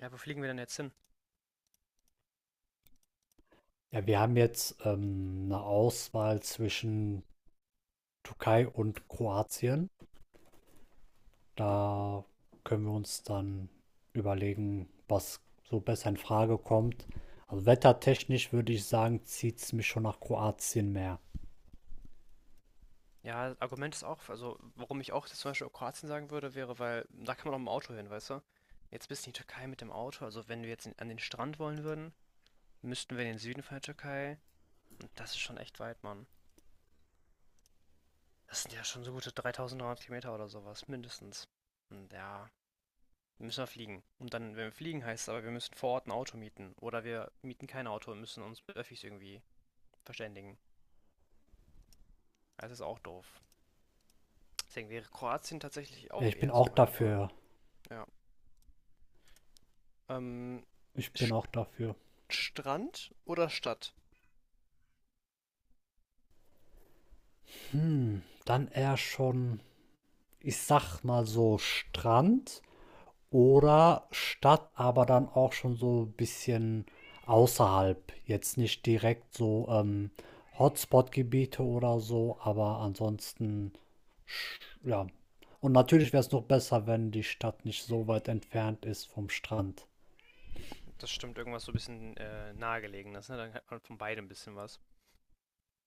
Ja, wo fliegen wir denn jetzt hin? Ja, wir haben jetzt 'ne Auswahl zwischen Türkei und Kroatien. Da können wir uns dann überlegen, was so besser in Frage kommt. Also wettertechnisch würde ich sagen, zieht's mich schon nach Kroatien mehr. Ja, das Argument ist auch, also warum ich auch jetzt zum Beispiel Kroatien sagen würde, wäre, weil da kann man auch mit dem Auto hin, weißt du? Jetzt bist du in die Türkei mit dem Auto, also wenn wir jetzt in, an den Strand wollen würden, müssten wir in den Süden von der Türkei und das ist schon echt weit, Mann. Das sind ja schon so gute 3300 Kilometer oder sowas, mindestens. Und ja, müssen wir fliegen. Und dann, wenn wir fliegen, heißt es aber, wir müssen vor Ort ein Auto mieten. Oder wir mieten kein Auto und müssen uns mit Öffis irgendwie verständigen. Also ist auch doof. Deswegen wäre Kroatien tatsächlich Ja, auch ich bin eher so auch meine Wahl. dafür. Ja. Ähm, Ich bin St- auch dafür. Strand oder Stadt? Hm, dann eher schon, ich sag mal so Strand oder Stadt, aber dann auch schon so ein bisschen außerhalb. Jetzt nicht direkt so Hotspot-Gebiete oder so, aber ansonsten, ja. Und natürlich wäre es noch besser, wenn die Stadt nicht so weit entfernt ist vom Strand. Das stimmt, irgendwas so ein bisschen nahegelegenes, ne? Dann hat man von beidem ein bisschen was.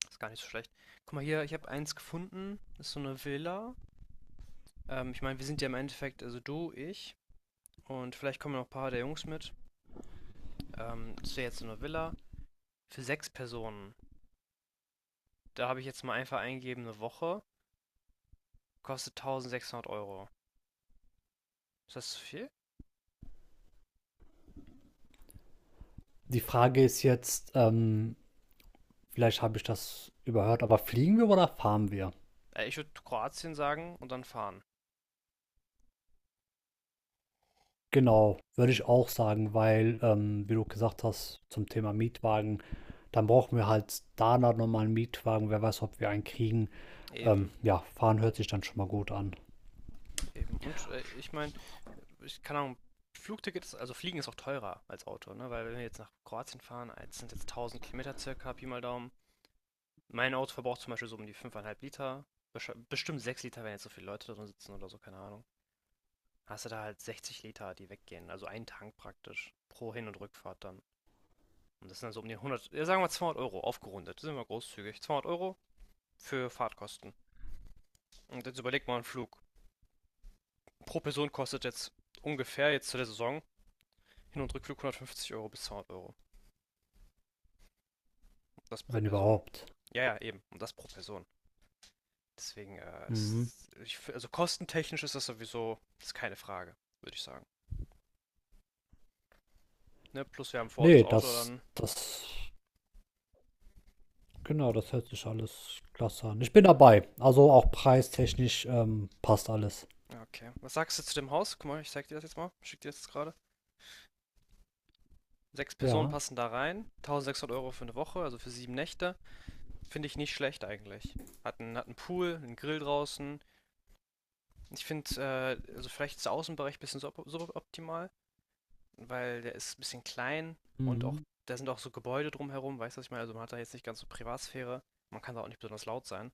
Ist gar nicht so schlecht. Guck mal hier, ich habe eins gefunden. Ist so eine Villa. Ich meine, wir sind ja im Endeffekt, also du, ich und vielleicht kommen noch ein paar der Jungs mit. Das wäre jetzt so eine Villa für sechs Personen. Da habe ich jetzt mal einfach eingegeben, eine Woche. Kostet 1600 Euro. Ist das zu viel? Die Frage ist jetzt, vielleicht habe ich das überhört, aber fliegen wir oder fahren wir? Ich würde Kroatien sagen und dann fahren. Genau, würde ich auch sagen, weil, wie du gesagt hast, zum Thema Mietwagen, dann brauchen wir halt da nochmal einen Mietwagen. Wer weiß, ob wir einen kriegen. Eben, Ja, fahren hört sich dann schon mal gut an, eben. Und ich meine, ich kann auch Flugtickets, also Fliegen ist auch teurer als Auto, ne? Weil wenn wir jetzt nach Kroatien fahren, es sind jetzt 1000 Kilometer circa, Pi mal Daumen. Mein Auto verbraucht zum Beispiel so um die 5,5 Liter. Bestimmt 6 Liter, wenn jetzt so viele Leute drin sitzen oder so, keine Ahnung. Hast du da halt 60 Liter, die weggehen. Also ein Tank praktisch. Pro Hin- und Rückfahrt dann. Und das sind also um die 100, ja, sagen wir 200 Euro, aufgerundet. Sind wir großzügig. 200 Euro für Fahrtkosten. Und jetzt überleg mal, ein Flug pro Person kostet jetzt ungefähr jetzt zu der Saison Hin- und Rückflug 150 Euro bis 200 Euro. Das pro wenn Person. überhaupt. Ja, ja, eben. Und das pro Person. Deswegen, Mhm. ist, ich, also kostentechnisch ist das sowieso, das ist keine Frage, würde ich sagen. Ne? Plus wir haben vor Ort das Nee, Auto das, dann. das, genau, das hört sich alles klasse an. Ich bin dabei. Also ah, auch preistechnisch passt alles. Okay. Was sagst du zu dem Haus? Guck mal, ich zeig dir das jetzt mal. Schick dir das jetzt gerade. Sechs Personen Ja. passen da rein. 1600 Euro für eine Woche, also für 7 Nächte. Finde ich nicht schlecht eigentlich. Hat einen Pool, einen Grill draußen. Ich finde, also vielleicht ist der Außenbereich ein bisschen suboptimal, weil der ist ein bisschen klein und auch, Mhm. da sind auch so Gebäude drumherum, weißt du, was ich meine? Also man hat da jetzt nicht ganz so Privatsphäre. Man kann da auch nicht besonders laut sein.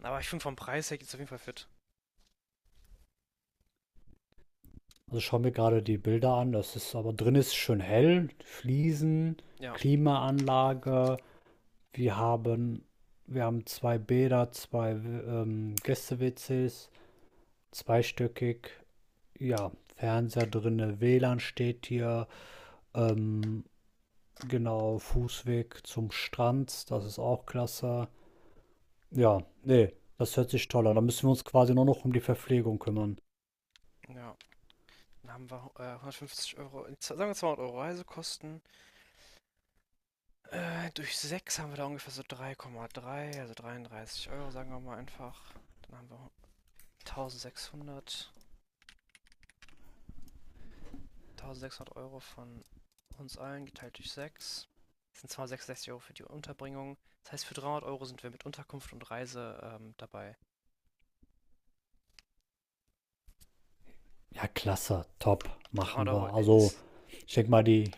Aber ich finde vom Preis her geht's auf jeden Fall fit. Also ich schaue mir gerade die Bilder an. Das ist aber drin ist schön hell. Fliesen, Ja, Klimaanlage. Wir haben, wir haben zwei Bäder, zwei Gäste-WCs, zweistöckig, ja, Fernseher drinne, WLAN steht hier, ähm, genau, Fußweg zum Strand, das ist auch klasse. Ja, nee, das hört sich toll an. Da müssen wir uns quasi nur noch um die Verpflegung kümmern. ja. Dann haben wir 150 Euro, sagen wir 200 Euro Reisekosten. Durch 6 haben wir da ungefähr so 3,3, also 33 Euro, sagen wir mal einfach. Dann haben wir 1600. 1600 Euro von uns allen geteilt durch sechs. Das sind 266 Euro für die Unterbringung. Das heißt, für 300 Euro sind wir mit Unterkunft und Reise dabei. Ja, klasse, top, machen 300 Euro wir. äh, Also, ist, ich denke mal, die,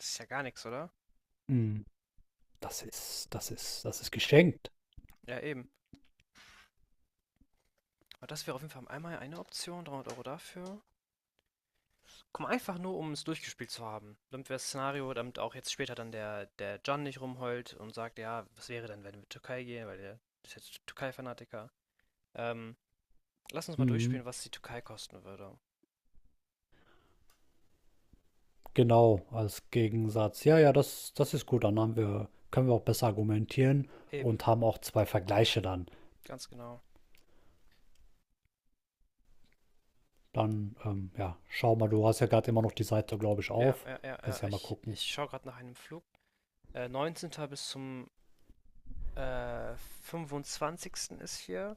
ist ja gar nichts, oder? mm, das ist, das ist geschenkt. Ja, eben. Aber das wäre auf jeden Fall einmal eine Option, 300 Euro dafür. Komm, einfach nur, um es durchgespielt zu haben. Damit wir das Szenario, damit auch jetzt später dann der John nicht rumheult und sagt, ja, was wäre denn, wenn wir in die Türkei gehen, weil der ist jetzt Türkei-Fanatiker. Ähm, lass uns mal Mhm. durchspielen, was die Türkei kosten würde. Genau, als Gegensatz. Ja, ja, das ist gut. Dann haben wir, können wir auch besser argumentieren Eben, und haben auch zwei Vergleiche dann. ganz genau. Dann, ja, schau mal, du hast ja gerade immer noch die Seite, glaube ich, Ja, auf. ja, ja, Kannst ja. ja mal Ich, gucken. ich schaue gerade nach einem Flug. 19. bis zum äh, 25. ist hier.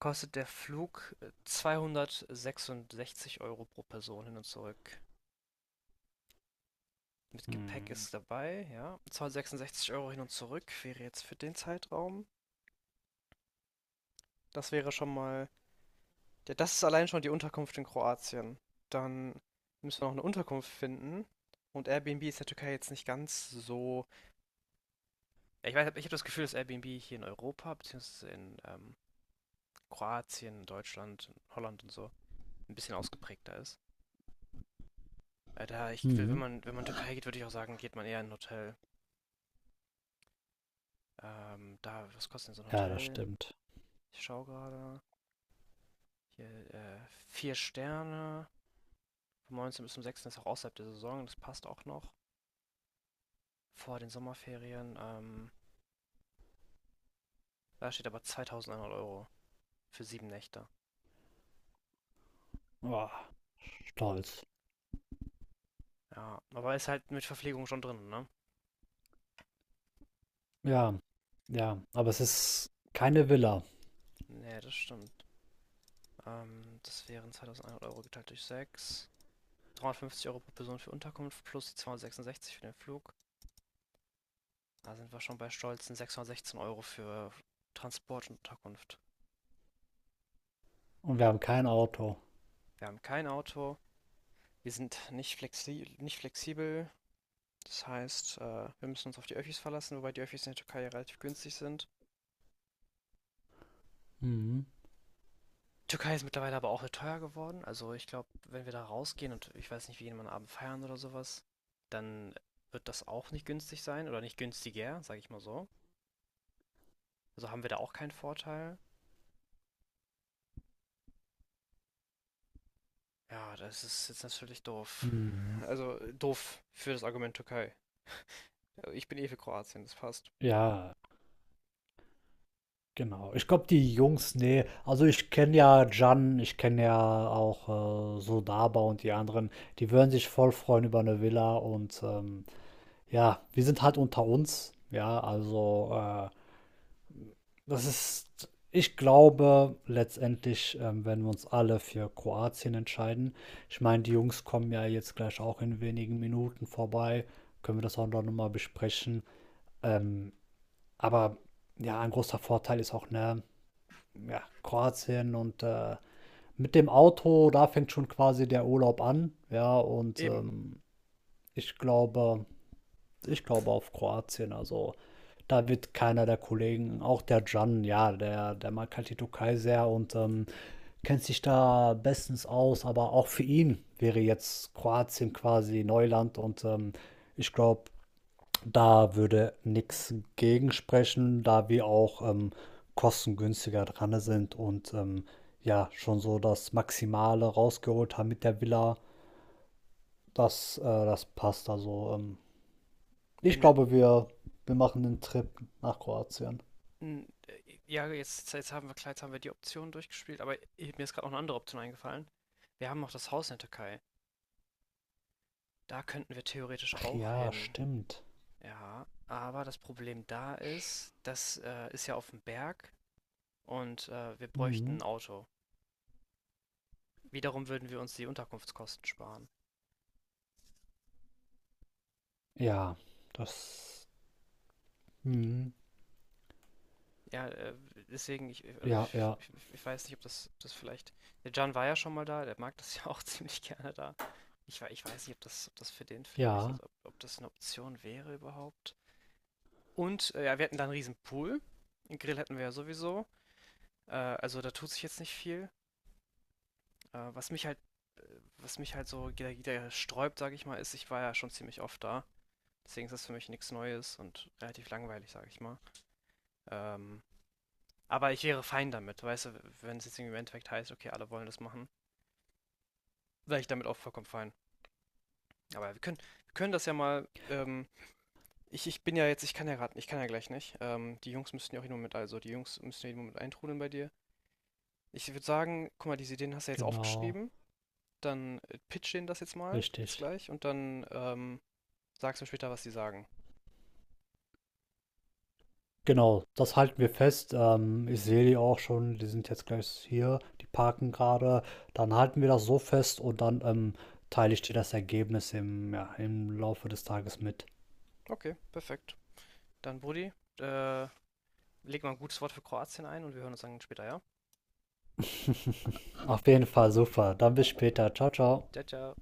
Kostet der Flug 266 Euro pro Person hin und zurück. Mit Gepäck Hm. ist dabei, ja. Zweihundertsechsundsechzig Euro hin und zurück wäre jetzt für den Zeitraum. Das wäre schon mal. Ja, das ist allein schon die Unterkunft in Kroatien. Dann müssen wir noch eine Unterkunft finden. Und Airbnb ist in der Türkei jetzt nicht ganz so. Ja, ich weiß, ich habe das Gefühl, dass Airbnb hier in Europa, beziehungsweise in Kroatien, Deutschland, Holland und so, ein bisschen ausgeprägter ist. Da ich, Mhm. Wenn man in die Türkei geht, würde ich auch sagen, geht man eher in ein Hotel. Da, was kostet denn so ein Ja, das Hotel? stimmt. Ich schaue gerade. Hier, vier Sterne. Vom 19. bis zum 6. ist auch außerhalb der Saison. Das passt auch noch. Vor den Sommerferien. Da steht aber 2100 Euro für 7 Nächte. Boah, stolz. Ja, aber ist halt mit Verpflegung schon drin, ne? Ja, ja, aber es ist keine Villa Nee, das stimmt. Das wären 2100 Euro geteilt durch sechs. 350 Euro pro Person für Unterkunft plus die 266 für den Flug. Da sind wir schon bei stolzen 616 Euro für Transport und Unterkunft. und wir haben kein Auto. Wir haben kein Auto. Wir sind nicht, flexi nicht flexibel. Das heißt, wir müssen uns auf die Öffis verlassen, wobei die Öffis in der Türkei relativ günstig sind. Mhm. Die Türkei ist mittlerweile aber auch teuer geworden. Also ich glaube, wenn wir da rausgehen und ich weiß nicht, wie jemand am Abend feiern oder sowas, dann wird das auch nicht günstig sein oder nicht günstiger, sage ich mal so. Also haben wir da auch keinen Vorteil. Ja, das ist jetzt natürlich doof. Mhm. Also doof für das Argument Türkei. Also ich bin eh für Kroatien, das passt. Ja, genau. Ich glaube, die Jungs, ne. Also, ich kenne ja Jan, ich kenne ja auch, Sodaba und die anderen. Die würden sich voll freuen über eine Villa und, ja, wir sind halt unter uns, ja, also, das ist ich glaube letztendlich, werden wir uns alle für Kroatien entscheiden. Ich meine, die Jungs kommen ja jetzt gleich auch in wenigen Minuten vorbei, können wir das auch noch mal besprechen. Ähm, aber ja, ein großer Vorteil ist auch, ne, ja, Kroatien und mit dem Auto, da fängt schon quasi der Urlaub an. Ja, und Eben. Ich glaube, ich glaube auf Kroatien. Also da wird keiner der Kollegen, auch der Can, ja, der mag halt die Türkei sehr und kennt sich da bestens aus. Aber auch für ihn wäre jetzt Kroatien quasi Neuland und ich glaube, da würde nichts gegen sprechen, da wir auch kostengünstiger dran sind und ja, schon so das Maximale rausgeholt haben mit der Villa. Das, das passt. Also, ich Ende. glaube, wir, wir machen den Trip nach Kroatien. Ja, jetzt haben wir klar, jetzt haben wir die Option durchgespielt, aber mir ist gerade noch eine andere Option eingefallen. Wir haben noch das Haus in der Türkei. Da könnten wir theoretisch Ach auch ja, hin. stimmt. Ja, aber das Problem da ist, das ist ja auf dem Berg und wir bräuchten ein Mhm. Auto. Wiederum würden wir uns die Unterkunftskosten sparen. Ja, das. Mhm. Ja, deswegen, also Ja, ja, ich weiß nicht, ob das vielleicht. Der Can war ja schon mal da, der mag das ja auch ziemlich gerne da. Ich weiß nicht, ob das für den vielleicht, ja, also ob, ob das eine Option wäre überhaupt. Und ja, wir hatten da einen riesen Pool. Einen Grill hatten wir ja sowieso. Also da tut sich jetzt nicht viel. Äh, was mich halt, was mich halt so wieder sträubt, sage ich mal, ist, ich war ja schon ziemlich oft da. Deswegen ist das für mich nichts Neues und relativ langweilig, sage ich mal. Ähm, aber ich wäre fein damit, weißt du, wenn es jetzt irgendwie im Endeffekt heißt, okay, alle wollen das machen, wäre ich damit auch vollkommen fein. Aber wir können das ja mal. Ich bin ja jetzt, ich kann ja gerade, ich kann ja gleich nicht. Die Jungs müssten ja auch jeden Moment, also die Jungs müssen ja jeden Moment eintrudeln bei dir. Ich würde sagen, guck mal, diese Ideen hast du ja jetzt genau. aufgeschrieben. Dann pitch denen das jetzt mal, jetzt Richtig. gleich, und dann sagst du mir später, was sie sagen. Genau, das halten wir fest. Ich sehe die auch schon, die sind jetzt gleich hier, die parken gerade. Dann halten wir das so fest und dann teile ich dir das Ergebnis im, ja, im Laufe des Tages mit. Okay, perfekt. Dann, Brudi, äh, leg mal ein gutes Wort für Kroatien ein und wir hören uns dann später, ja? Auf jeden Fall super. Dann bis später. Ciao, ciao. Ciao, ciao.